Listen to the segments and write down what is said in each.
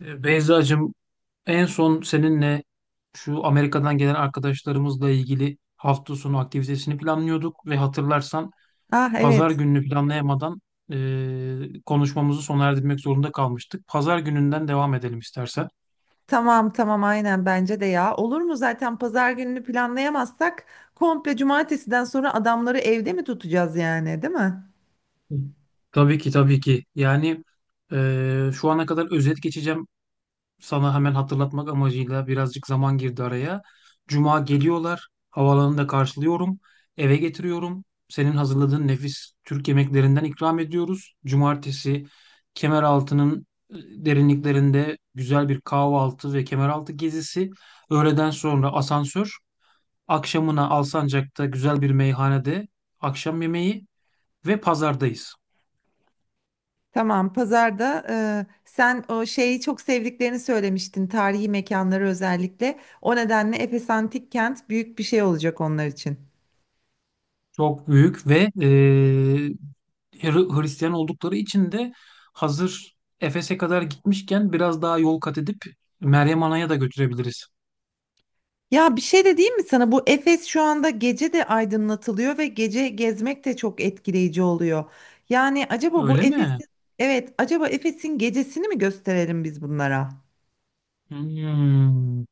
Beyzacığım, en son seninle şu Amerika'dan gelen arkadaşlarımızla ilgili hafta sonu aktivitesini planlıyorduk ve hatırlarsan Ah pazar evet. gününü planlayamadan konuşmamızı sona erdirmek zorunda kalmıştık. Pazar gününden devam edelim istersen. Tamam tamam aynen bence de ya. Olur mu zaten pazar gününü planlayamazsak komple cumartesiden sonra adamları evde mi tutacağız yani değil mi? Tabii ki, tabii ki. Yani şu ana kadar özet geçeceğim sana, hemen hatırlatmak amacıyla birazcık zaman girdi araya. Cuma geliyorlar. Havaalanında karşılıyorum. Eve getiriyorum. Senin hazırladığın nefis Türk yemeklerinden ikram ediyoruz. Cumartesi Kemeraltı'nın derinliklerinde güzel bir kahvaltı ve Kemeraltı gezisi. Öğleden sonra asansör. Akşamına Alsancak'ta güzel bir meyhanede akşam yemeği ve pazardayız. Tamam pazarda sen o şeyi çok sevdiklerini söylemiştin, tarihi mekanları özellikle. O nedenle Efes Antik Kent büyük bir şey olacak onlar için. Çok büyük ve Hristiyan oldukları için de hazır Efes'e kadar gitmişken biraz daha yol kat edip Meryem Ana'ya da götürebiliriz. Ya bir şey de diyeyim mi sana? Bu Efes şu anda gece de aydınlatılıyor ve gece gezmek de çok etkileyici oluyor. Yani acaba bu Öyle mi? Efes'in Evet, acaba Efes'in gecesini mi gösterelim biz bunlara? Hmm.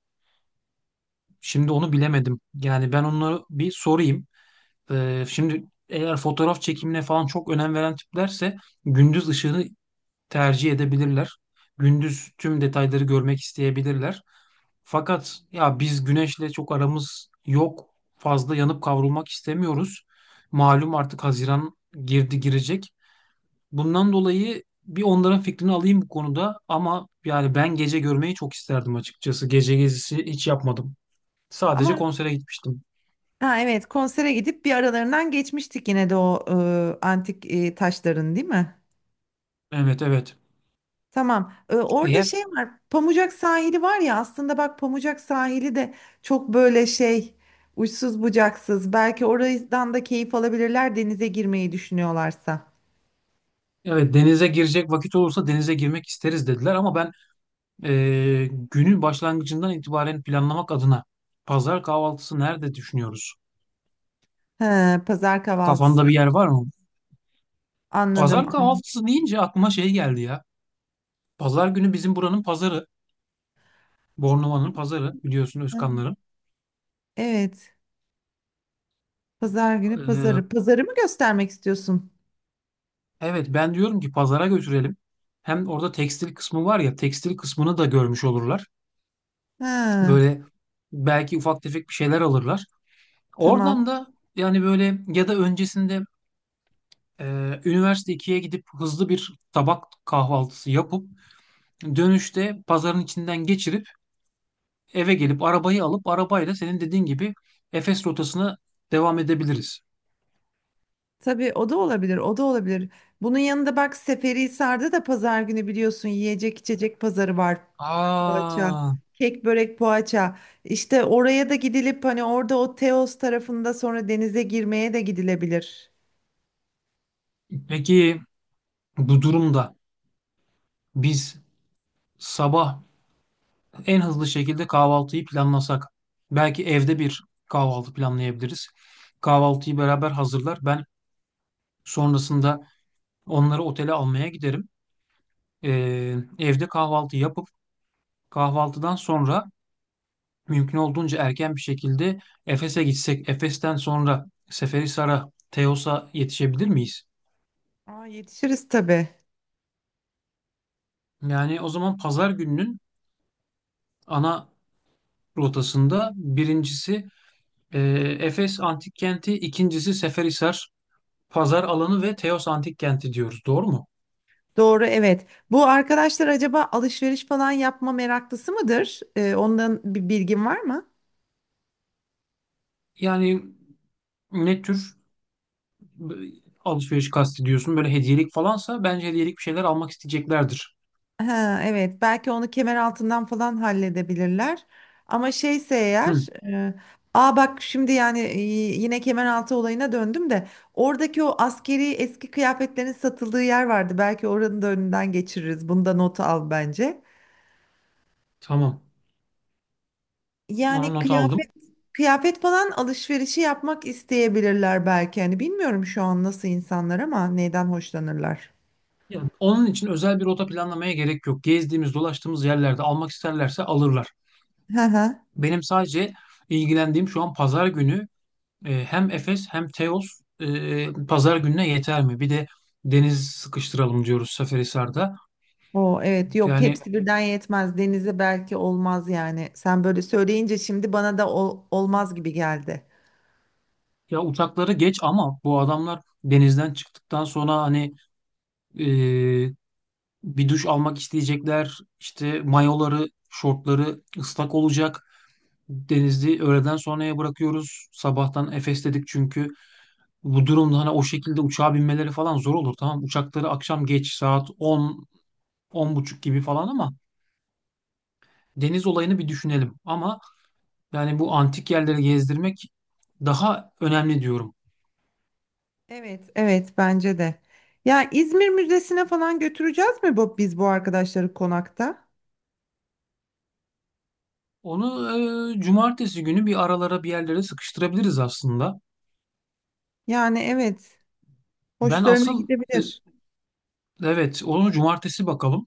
Şimdi onu bilemedim. Yani ben onu bir sorayım. Şimdi eğer fotoğraf çekimine falan çok önem veren tiplerse gündüz ışığını tercih edebilirler. Gündüz tüm detayları görmek isteyebilirler. Fakat ya biz güneşle çok aramız yok. Fazla yanıp kavrulmak istemiyoruz. Malum artık Haziran girdi girecek. Bundan dolayı bir onların fikrini alayım bu konuda, ama yani ben gece görmeyi çok isterdim açıkçası. Gece gezisi hiç yapmadım. Sadece Ama konsere gitmiştim. ha evet, konsere gidip bir aralarından geçmiştik yine de o antik taşların, değil mi? Evet, evet. Tamam. Orada Eğer şey var. Pamucak sahili var ya, aslında bak Pamucak sahili de çok böyle şey, uçsuz bucaksız. Belki oradan da keyif alabilirler denize girmeyi düşünüyorlarsa. evet, denize girecek vakit olursa denize girmek isteriz dediler, ama ben eee, günün başlangıcından itibaren planlamak adına pazar kahvaltısı nerede düşünüyoruz? He, pazar Kafanda kahvaltısı. bir yer var mı? Anladım, Pazar anladım. kahvaltısı deyince aklıma şey geldi ya. Pazar günü bizim buranın pazarı. Bornova'nın pazarı biliyorsun, Özkanların. Evet. Pazar günü Ee, pazarı. Pazarı mı göstermek istiyorsun? evet, ben diyorum ki pazara götürelim. Hem orada tekstil kısmı var ya, tekstil kısmını da görmüş olurlar. Ha, Böyle belki ufak tefek bir şeyler alırlar. Oradan tamam. da yani böyle ya da öncesinde üniversite ikiye gidip hızlı bir tabak kahvaltısı yapıp dönüşte pazarın içinden geçirip eve gelip arabayı alıp arabayla senin dediğin gibi Efes rotasına devam edebiliriz. Tabii o da olabilir. O da olabilir. Bunun yanında bak Seferihisar'da da pazar günü biliyorsun yiyecek içecek pazarı var. Poğaça. Aa, Kek, börek, poğaça. İşte oraya da gidilip hani orada o Teos tarafında sonra denize girmeye de gidilebilir. peki bu durumda biz sabah en hızlı şekilde kahvaltıyı planlasak belki evde bir kahvaltı planlayabiliriz. Kahvaltıyı beraber hazırlar. Ben sonrasında onları otele almaya giderim. Evde kahvaltı yapıp kahvaltıdan sonra mümkün olduğunca erken bir şekilde Efes'e gitsek, Efes'ten sonra Seferihisar'a, Teos'a yetişebilir miyiz? Aa, yetişiriz tabii. Yani o zaman pazar gününün ana rotasında birincisi e, Efes Antik Kenti, ikincisi Seferihisar pazar alanı ve Teos Antik Kenti diyoruz. Doğru mu? Doğru evet. Bu arkadaşlar acaba alışveriş falan yapma meraklısı mıdır? Ondan bir bilgin var mı? Yani ne tür e, alışveriş kastediyorsun? Böyle hediyelik falansa bence hediyelik bir şeyler almak isteyeceklerdir. Ha evet, belki onu kemer altından falan halledebilirler. Ama şeyse Hı, eğer e, aa bak şimdi yani, yine kemer altı olayına döndüm de oradaki o askeri eski kıyafetlerin satıldığı yer vardı. Belki oranın da önünden geçiririz. Bunda notu al bence. tamam. Onu Yani not kıyafet aldım. kıyafet falan alışverişi yapmak isteyebilirler belki. Hani bilmiyorum şu an nasıl insanlar ama neyden hoşlanırlar. Ya onun için özel bir rota planlamaya gerek yok. Gezdiğimiz, dolaştığımız yerlerde almak isterlerse alırlar. Hı hı. Benim sadece ilgilendiğim şu an pazar günü hem Efes hem Teos pazar gününe yeter mi? Bir de deniz sıkıştıralım diyoruz Seferihisar'da. O evet, yok Yani hepsi birden yetmez. Denize belki olmaz yani. Sen böyle söyleyince şimdi bana da olmaz gibi geldi. ya uçakları geç, ama bu adamlar denizden çıktıktan sonra hani e, bir duş almak isteyecekler. İşte mayoları, şortları ıslak olacak. Denizli öğleden sonraya bırakıyoruz. Sabahtan Efes dedik çünkü. Bu durumda hani o şekilde uçağa binmeleri falan zor olur, tamam. Uçakları akşam geç saat 10, 10 buçuk gibi falan, ama deniz olayını bir düşünelim. Ama yani bu antik yerleri gezdirmek daha önemli diyorum. Evet evet, bence de. Ya İzmir Müzesi'ne falan götüreceğiz mi bu, biz bu arkadaşları konakta? Onu cumartesi günü bir aralara bir yerlere sıkıştırabiliriz aslında. Yani evet, Ben hoşlarına asıl e, gidebilir. evet, onu cumartesi bakalım.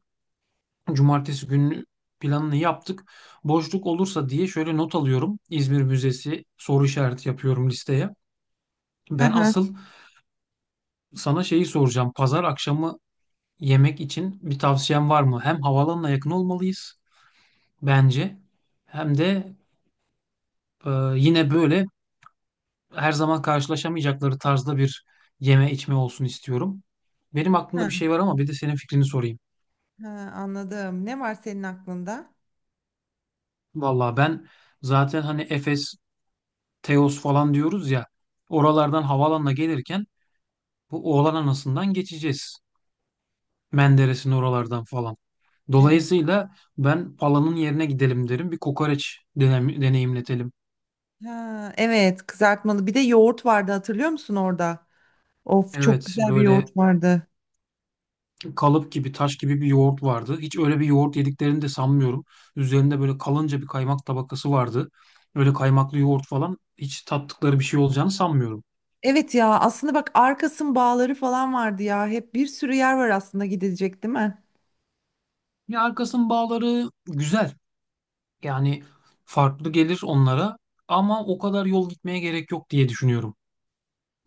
Cumartesi günü planını yaptık. Boşluk olursa diye şöyle not alıyorum. İzmir Müzesi soru işareti yapıyorum listeye. Hı Ben hı. asıl Sana şeyi soracağım. Pazar akşamı yemek için bir tavsiyen var mı? Hem havalanına yakın olmalıyız bence. Hem de e, yine böyle her zaman karşılaşamayacakları tarzda bir yeme içme olsun istiyorum. Benim aklımda bir Ha, şey var ama bir de senin fikrini sorayım. ha, anladım. Ne var senin aklında? Vallahi ben zaten hani Efes, Teos falan diyoruz ya. Oralardan havalanına gelirken bu Oğlan Anası'ndan geçeceğiz. Menderes'in oralardan falan. Evet. Dolayısıyla ben Pala'nın yerine gidelim derim. Bir kokoreç deneyimletelim. Ha evet, kızartmalı. Bir de yoğurt vardı, hatırlıyor musun orada? Of, çok Evet, güzel bir böyle yoğurt vardı. kalıp gibi taş gibi bir yoğurt vardı. Hiç öyle bir yoğurt yediklerini de sanmıyorum. Üzerinde böyle kalınca bir kaymak tabakası vardı. Öyle kaymaklı yoğurt falan hiç tattıkları bir şey olacağını sanmıyorum. Evet ya, aslında bak Arkas'ın bağları falan vardı ya. Hep bir sürü yer var aslında gidilecek, değil mi? Ya arkasının bağları güzel. Yani farklı gelir onlara ama o kadar yol gitmeye gerek yok diye düşünüyorum.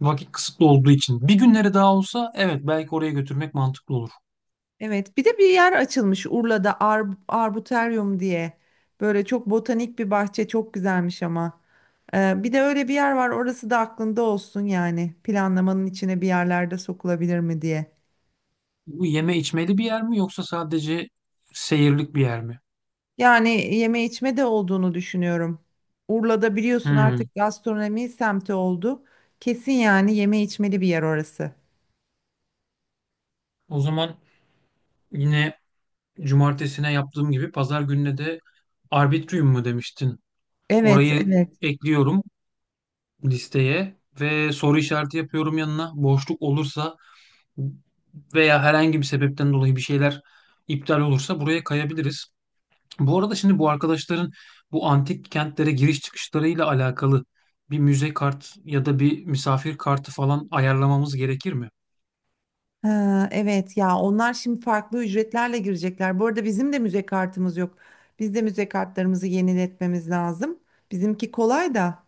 Vakit kısıtlı olduğu için. Bir günleri daha olsa evet, belki oraya götürmek mantıklı olur. Evet, bir de bir yer açılmış Urla'da, Ar Arboretum diye. Böyle çok botanik bir bahçe, çok güzelmiş ama. Bir de öyle bir yer var, orası da aklında olsun yani. Planlamanın içine bir yerlerde sokulabilir mi diye. Bu yeme içmeli bir yer mi yoksa sadece seyirlik bir yer mi? Yani yeme içme de olduğunu düşünüyorum. Urla'da biliyorsun Hmm. artık gastronomi semti oldu. Kesin yani, yeme içmeli bir yer orası. O zaman yine cumartesine yaptığım gibi pazar gününe de Arbitrium mu demiştin? Evet Orayı evet. ekliyorum listeye ve soru işareti yapıyorum yanına. Boşluk olursa veya herhangi bir sebepten dolayı bir şeyler iptal olursa buraya kayabiliriz. Bu arada şimdi bu arkadaşların bu antik kentlere giriş çıkışlarıyla alakalı bir müze kart ya da bir misafir kartı falan ayarlamamız gerekir mi? Ha evet, ya onlar şimdi farklı ücretlerle girecekler. Bu arada bizim de müze kartımız yok. Biz de müze kartlarımızı yeniletmemiz lazım. Bizimki kolay da,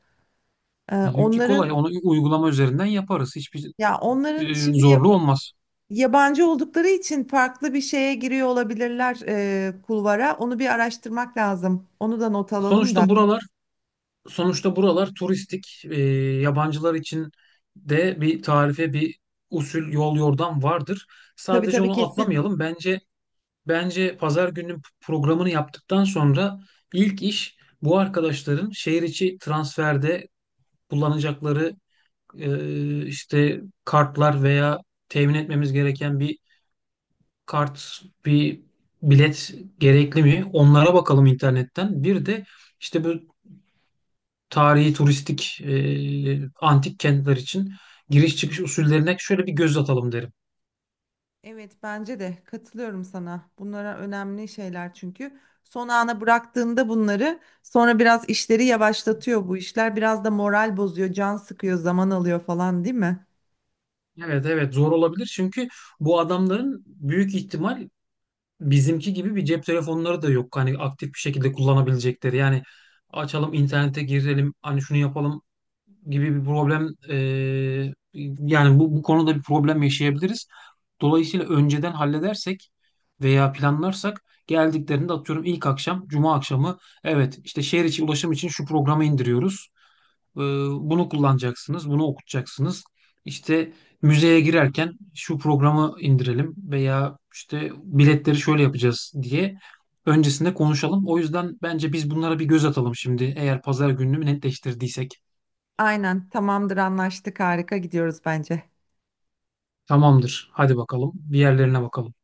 Bizimki kolay. onların, Onu uygulama üzerinden yaparız. Hiçbir ya onların şimdi, zorluğu olmaz. yabancı oldukları için farklı bir şeye giriyor olabilirler, kulvara. Onu bir araştırmak lazım. Onu da not alalım da. Sonuçta buralar Sonuçta buralar turistik. Yabancılar için de bir tarife, bir usul, yol yordam vardır. Tabii Sadece tabii, onu kesin. atlamayalım. Bence pazar gününün programını yaptıktan sonra ilk iş bu arkadaşların şehir içi transferde kullanacakları işte kartlar veya temin etmemiz gereken bir kart, bir bilet gerekli mi? Onlara bakalım internetten. Bir de işte bu tarihi turistik antik kentler için giriş çıkış usullerine şöyle bir göz atalım derim. Evet, bence de katılıyorum sana. Bunlara önemli şeyler çünkü son ana bıraktığında bunları, sonra biraz işleri yavaşlatıyor bu işler. Biraz da moral bozuyor, can sıkıyor, zaman alıyor falan, değil mi? Evet, evet, zor olabilir çünkü bu adamların büyük ihtimal bizimki gibi bir cep telefonları da yok. Hani aktif bir şekilde kullanabilecekleri. Yani açalım internete girelim hani şunu yapalım gibi bir problem yani bu konuda bir problem yaşayabiliriz. Dolayısıyla önceden halledersek veya planlarsak geldiklerinde atıyorum ilk akşam, cuma akşamı evet işte şehir içi ulaşım için şu programı indiriyoruz. Ee, Bunu kullanacaksınız, bunu okutacaksınız. İşte müzeye girerken şu programı indirelim veya işte biletleri şöyle yapacağız diye öncesinde konuşalım. O yüzden bence biz bunlara bir göz atalım şimdi eğer pazar gününü netleştirdiysek. Aynen, tamamdır, anlaştık, harika gidiyoruz bence. Tamamdır. Hadi bakalım. Bir yerlerine bakalım.